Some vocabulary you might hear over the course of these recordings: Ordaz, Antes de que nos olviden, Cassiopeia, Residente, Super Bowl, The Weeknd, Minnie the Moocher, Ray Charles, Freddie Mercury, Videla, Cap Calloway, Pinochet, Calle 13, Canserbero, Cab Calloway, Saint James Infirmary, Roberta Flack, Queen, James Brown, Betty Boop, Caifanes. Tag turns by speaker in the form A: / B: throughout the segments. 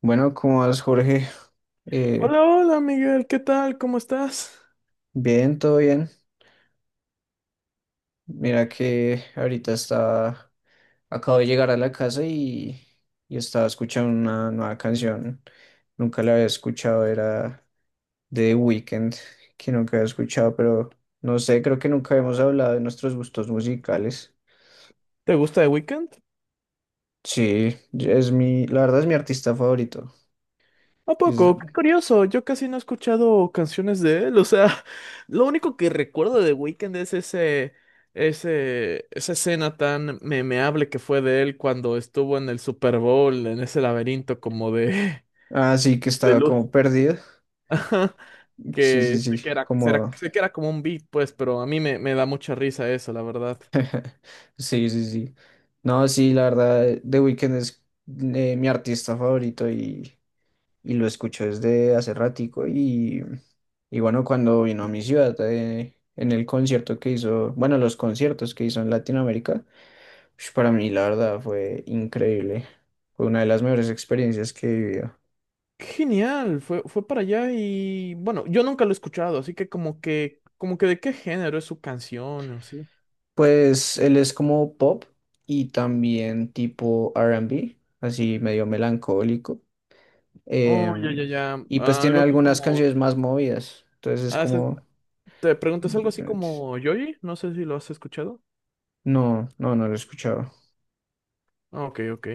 A: Bueno, ¿cómo vas, Jorge? Eh,
B: Hola, hola Miguel, ¿qué tal? ¿Cómo estás?
A: bien, todo bien. Mira que ahorita está, acabo de llegar a la casa y estaba escuchando una nueva canción. Nunca la había escuchado, era de The Weeknd, que nunca había escuchado, pero no sé, creo que nunca hemos hablado de nuestros gustos musicales.
B: ¿Te gusta The Weeknd?
A: Sí, la verdad es mi artista favorito.
B: ¿A
A: Es-
B: poco? Qué curioso, yo casi no he escuchado canciones de él, o sea, lo único que recuerdo de The Weeknd es esa escena tan memeable que fue de él cuando estuvo en el Super Bowl, en ese laberinto como de,
A: ah, sí, que
B: de
A: estaba
B: luz.
A: como perdido.
B: Ajá,
A: Sí, sí,
B: que sé
A: sí,
B: que era,
A: como
B: sé que era como un beat, pues, pero a mí me da mucha risa eso, la verdad.
A: sí, sí, sí. No, sí, la verdad, The Weeknd es, mi artista favorito y lo escucho desde hace ratico y bueno, cuando vino a mi ciudad en el concierto que hizo, bueno, los conciertos que hizo en Latinoamérica, ush, para mí la verdad fue increíble. Fue una de las mejores experiencias que he vivido.
B: Qué genial, fue para allá y bueno, yo nunca lo he escuchado, así que como que, como que de qué género es su canción o sí.
A: Pues él es como pop y también tipo R and B, así medio melancólico. eh,
B: Oh, ya, ya, ya.
A: y pues
B: Ah,
A: tiene
B: algo así
A: algunas
B: como.
A: canciones más movidas. Entonces es
B: ah, se-
A: como
B: ¿Te preguntas algo así
A: diferentes.
B: como Yoyi? No sé si lo has escuchado.
A: No, no, no lo he escuchado.
B: Ah, ok, ok.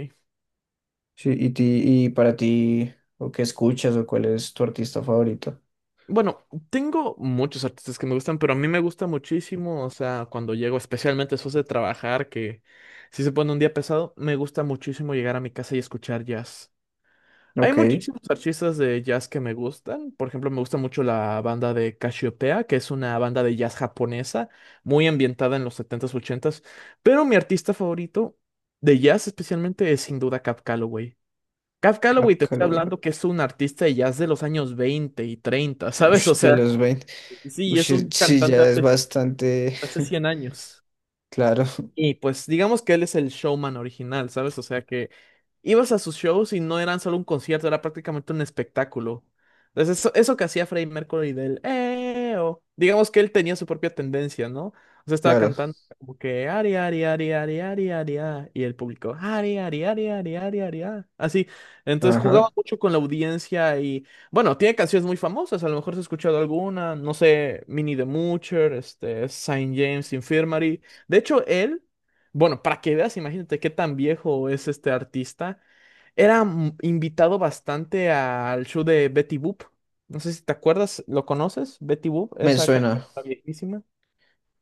A: Sí, y para ti, o qué escuchas, o cuál es tu artista favorito.
B: Bueno, tengo muchos artistas que me gustan, pero a mí me gusta muchísimo, o sea, cuando llego, especialmente después de trabajar, que si se pone un día pesado, me gusta muchísimo llegar a mi casa y escuchar jazz. Hay
A: Ok,
B: muchísimos artistas de jazz que me gustan. Por ejemplo, me gusta mucho la banda de Cassiopeia, que es una banda de jazz japonesa, muy ambientada en los setentas ochentas. Pero mi artista favorito de jazz especialmente es sin duda Cab Calloway. Cab Calloway,
A: Cap
B: te estoy
A: Calloway.
B: hablando que es un artista de jazz de los años 20 y 30, ¿sabes? O
A: Ush, de
B: sea,
A: los veinte.
B: sí, es un
A: Sí,
B: cantante
A: ya es bastante.
B: hace 100 años.
A: Claro,
B: Y pues digamos que él es el showman original, ¿sabes? O sea que ibas a sus shows y no eran solo un concierto, era prácticamente un espectáculo. Entonces eso que hacía Freddie Mercury del "Eh", o digamos que él tenía su propia tendencia, ¿no? O sea, estaba
A: claro.
B: cantando como que "Ari, Ari, Ari, Ari, Ari, Ari, ah", y el público "Ari, Ari, Ari, Ari, Ari, Ari, ah", así. Entonces jugaba
A: Ajá.
B: mucho con la audiencia y bueno, tiene canciones muy famosas, a lo mejor has escuchado alguna, no sé, Minnie the Moocher, este, Saint James Infirmary. De hecho, él bueno, para que veas, imagínate qué tan viejo es este artista. Era invitado bastante al show de Betty Boop. No sé si te acuerdas, ¿lo conoces? Betty Boop,
A: Me
B: esa
A: suena,
B: caricatura viejísima.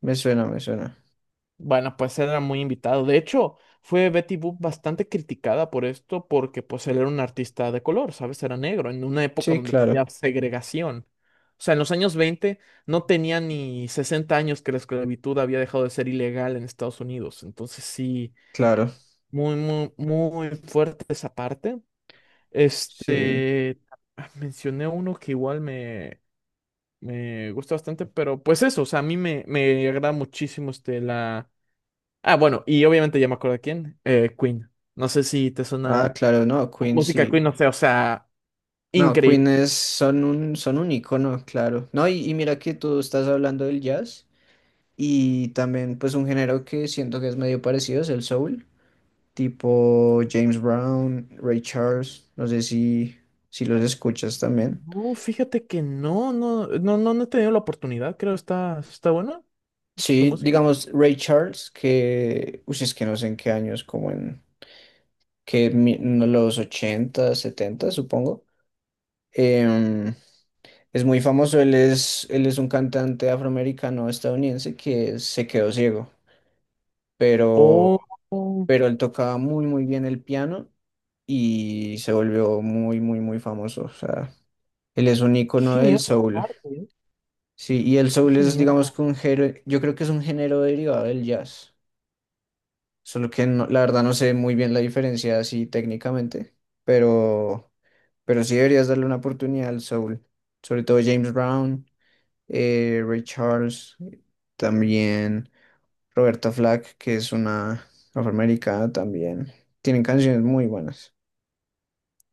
A: me suena, me suena.
B: Bueno, pues era muy invitado. De hecho, fue Betty Boop bastante criticada por esto porque pues él era un artista de color, ¿sabes? Era negro, en una época
A: Sí,
B: donde todavía
A: claro,
B: había segregación. O sea, en los años 20 no tenía ni 60 años que la esclavitud había dejado de ser ilegal en Estados Unidos. Entonces sí,
A: claro.
B: muy, muy, muy fuerte esa parte.
A: Sí.
B: Este, mencioné uno que igual me gusta bastante, pero pues eso, o sea, a mí me agrada muchísimo este, la... Ah, bueno, y obviamente ya me acuerdo de quién, Queen. No sé si te
A: Ah,
B: suena
A: claro, no, Queen
B: música
A: sí.
B: Queen, no sé, o sea,
A: No,
B: increíble.
A: Queen es, son un icono, claro. No, y mira que tú estás hablando del jazz y también pues un género que siento que es medio parecido es el soul, tipo James Brown, Ray Charles, no sé si los escuchas también.
B: No, fíjate que no, no, no, no, no he tenido la oportunidad, creo, está buena su
A: Sí,
B: música.
A: digamos Ray Charles, que, uy, es que no sé en qué años, como en no, los 80, 70, supongo. Em, es muy famoso, él es un cantante afroamericano estadounidense que se quedó ciego. pero,
B: Oh, oh,
A: pero él tocaba muy, muy bien el piano y se volvió muy, muy, muy famoso. O sea, él es un
B: qué
A: icono del
B: genial esa
A: soul.
B: parte, ¿eh?
A: Sí, y el
B: Qué
A: soul es,
B: genial.
A: digamos, que un género, yo creo que es un género derivado del jazz. Solo que no- La verdad no sé muy bien la diferencia así técnicamente, pero, pero sí deberías darle una oportunidad al soul. Sobre todo James Brown, Ray Charles, también. Roberta Flack, que es una afroamericana también. Tienen canciones muy buenas.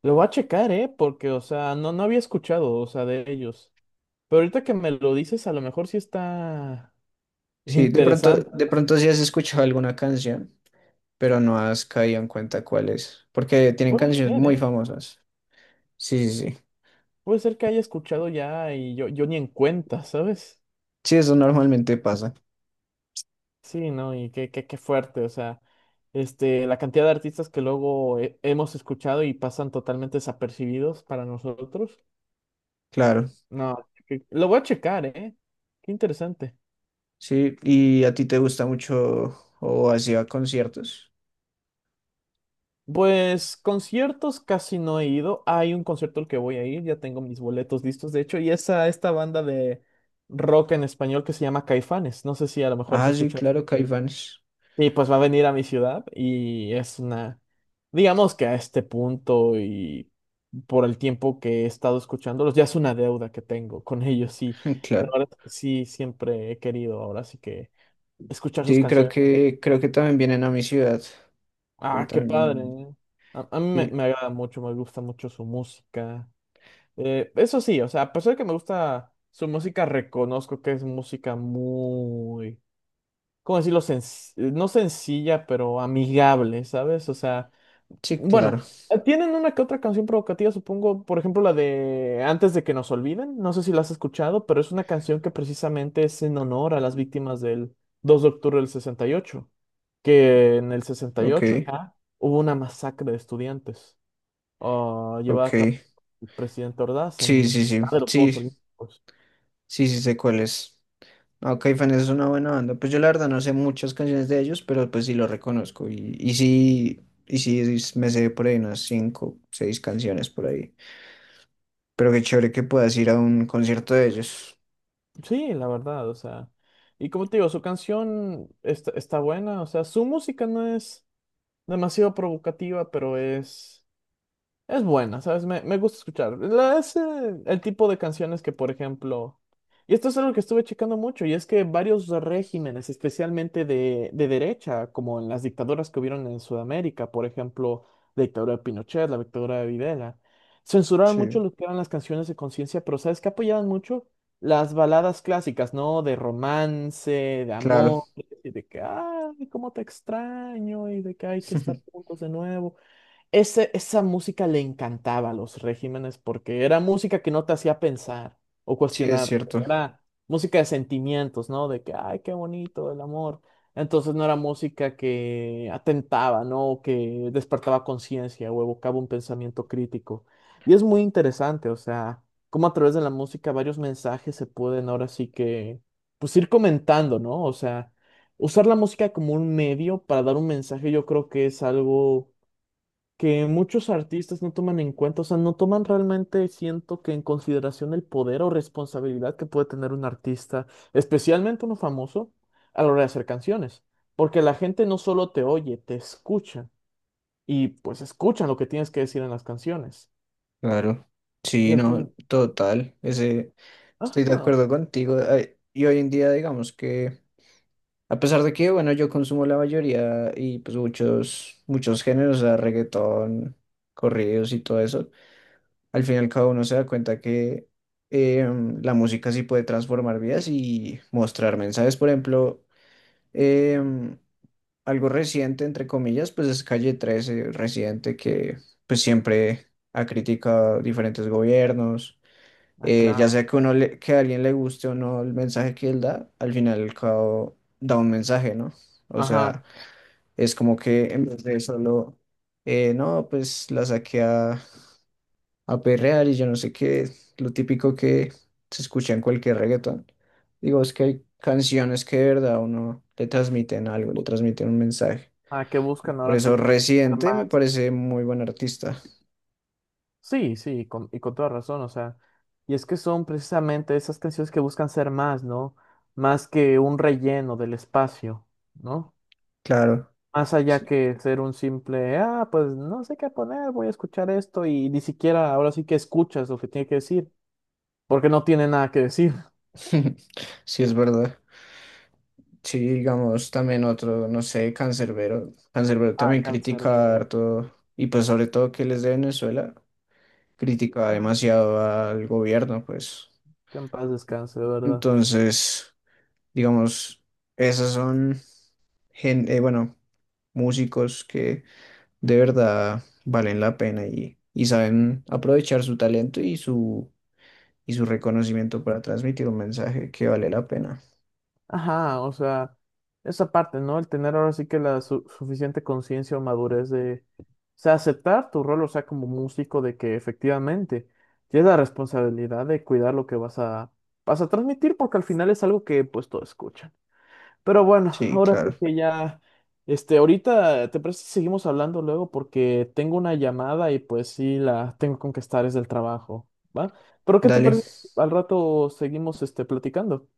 B: Lo voy a checar, ¿eh? Porque, o sea, no, no había escuchado, o sea, de ellos. Pero ahorita que me lo dices, a lo mejor sí está
A: Sí,
B: interesante.
A: de pronto sí has escuchado alguna canción, pero no has caído en cuenta cuál es, porque tienen
B: Puede
A: canciones
B: ser,
A: muy
B: ¿eh?
A: famosas. Sí, sí, sí.
B: Puede ser que haya escuchado ya y yo ni en cuenta, ¿sabes?
A: Sí, eso normalmente pasa,
B: Sí, ¿no? Y qué fuerte, o sea, este, la cantidad de artistas que luego hemos escuchado y pasan totalmente desapercibidos para nosotros.
A: claro.
B: No, que- lo voy a checar, ¿eh? Qué interesante.
A: Sí, ¿y a ti te gusta mucho o has ido a conciertos?
B: Pues conciertos casi no he ido. Hay un concierto al que voy a ir, ya tengo mis boletos listos, de hecho, y es a esta banda de rock en español que se llama Caifanes. No sé si a lo mejor se
A: Ah, sí,
B: escucha
A: claro,
B: por ahí.
A: Caifanes.
B: Y pues va a venir a mi ciudad y es una, digamos que a este punto y por el tiempo que he estado escuchándolos, ya es una deuda que tengo con ellos. Y la
A: Claro.
B: verdad es que sí, siempre he querido ahora, así que escuchar sus
A: Sí,
B: canciones.
A: creo que también vienen a mi ciudad. Creo que
B: Ah, qué
A: también
B: padre,
A: vienen.
B: ¿eh? A mí
A: Sí,
B: me agrada mucho, me gusta mucho su música. Eso sí, o sea, a pesar de que me gusta su música, reconozco que es música muy, ¿cómo decirlo? No sencilla, pero amigable, ¿sabes? O sea,
A: sí,
B: bueno,
A: claro.
B: tienen una que otra canción provocativa, supongo, por ejemplo, la de Antes de que nos olviden, no sé si la has escuchado, pero es una canción que precisamente es en honor a las víctimas del 2 de octubre del 68, que en el
A: Ok,
B: 68 acá hubo una masacre de estudiantes, ah, llevada a cabo
A: ok.
B: el presidente Ordaz
A: Sí,
B: en
A: sí, sí,
B: de los Juegos
A: sí,
B: Olímpicos.
A: sí, sí sé cuál es. Ok, Fans es una buena banda. Pues yo la verdad no sé muchas canciones de ellos, pero pues sí lo reconozco. Me sé por ahí unas cinco, seis canciones por ahí. Pero qué chévere que puedas ir a un concierto de ellos.
B: Sí, la verdad, o sea, y como te digo, su canción está buena, o sea, su música no es demasiado provocativa, pero es buena, ¿sabes? Me gusta escuchar. Es el tipo de canciones que, por ejemplo, y esto es algo que estuve checando mucho, y es que varios regímenes, especialmente de derecha, como en las dictaduras que hubieron en Sudamérica, por ejemplo, la dictadura de Pinochet, la dictadura de Videla, censuraban mucho
A: Sí,
B: lo que eran las canciones de conciencia, pero ¿sabes qué apoyaban mucho? Las baladas clásicas, ¿no? De romance, de
A: claro.
B: amor, y de que, ay, cómo te extraño, y de que hay que estar juntos de nuevo. Esa música le encantaba a los regímenes porque era música que no te hacía pensar o
A: Sí, es
B: cuestionar,
A: cierto.
B: era música de sentimientos, ¿no? De que, ay, qué bonito el amor. Entonces no era música que atentaba, ¿no? O que despertaba conciencia o evocaba un pensamiento crítico. Y es muy interesante, o sea, cómo a través de la música varios mensajes se pueden ahora sí que, pues ir comentando, ¿no? O sea, usar la música como un medio para dar un mensaje, yo creo que es algo que muchos artistas no toman en cuenta, o sea, no toman realmente, siento que en consideración el poder o responsabilidad que puede tener un artista, especialmente uno famoso, a la hora de hacer canciones, porque la gente no solo te oye, te escucha y pues escuchan lo que tienes que decir en las canciones.
A: Claro.
B: Y
A: Sí,
B: al
A: no,
B: final,
A: total. Estoy de
B: ajá,
A: acuerdo contigo. Ay, y hoy en día digamos que, a pesar de que, bueno, yo consumo la mayoría y pues muchos, muchos géneros, o sea, reggaetón, corridos y todo eso, al final cada uno se da cuenta que la música sí puede transformar vidas y mostrar mensajes. Por ejemplo, em, algo reciente, entre comillas, pues es Calle 13, reciente, que pues siempre ha criticado diferentes gobiernos.
B: ah,
A: Ya
B: claro,
A: sea que, que a alguien le guste o no el mensaje que él da, al final y al cabo da un mensaje, ¿no? O sea,
B: ajá,
A: es como que en vez de no, pues la saqué a perrear y yo no sé qué, lo típico que se escucha en cualquier reggaetón. Digo, es que hay canciones que de verdad a uno le transmiten algo, le transmiten un mensaje.
B: ah, que
A: Y
B: buscan
A: por
B: ahora sí
A: eso
B: que ser
A: Residente
B: más.
A: me parece muy buen artista.
B: Y con toda razón, o sea, y es que son precisamente esas canciones que buscan ser más, ¿no? Más que un relleno del espacio, ¿no?
A: Claro,
B: Más allá
A: sí,
B: que ser un simple, ah, pues no sé qué poner, voy a escuchar esto y ni siquiera ahora sí que escuchas lo que tiene que decir, porque no tiene nada que decir.
A: sí es verdad. Sí, digamos, también otro, no sé, Canserbero. Canserbero
B: Ah,
A: también
B: cáncer
A: critica
B: de...
A: harto, y pues sobre todo que él es de Venezuela. Criticaba
B: Ah,
A: demasiado al gobierno, pues.
B: que en paz descanse, de verdad.
A: Entonces, digamos, esas son, bueno, músicos que de verdad valen la pena y saben aprovechar su talento y su reconocimiento para transmitir un mensaje que vale la pena.
B: Ajá, o sea, esa parte, ¿no? El tener ahora sí que la suficiente conciencia o madurez de, o sea, aceptar tu rol, o sea, como músico, de que efectivamente tienes la responsabilidad de cuidar lo que vas a transmitir, porque al final es algo que pues todos escuchan. Pero bueno,
A: Sí,
B: ahora
A: claro.
B: sí que ya, este, ahorita, ¿te parece si seguimos hablando luego? Porque tengo una llamada y pues sí, la tengo con que estar, es del trabajo, ¿va? Pero ¿qué te
A: Dale,
B: parece si al rato seguimos, este, platicando?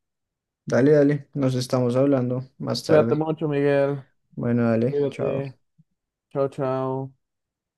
A: dale, dale. Nos estamos hablando más
B: Cuídate
A: tarde.
B: mucho, Miguel.
A: Bueno, dale, chao.
B: Cuídate. Chao, chao.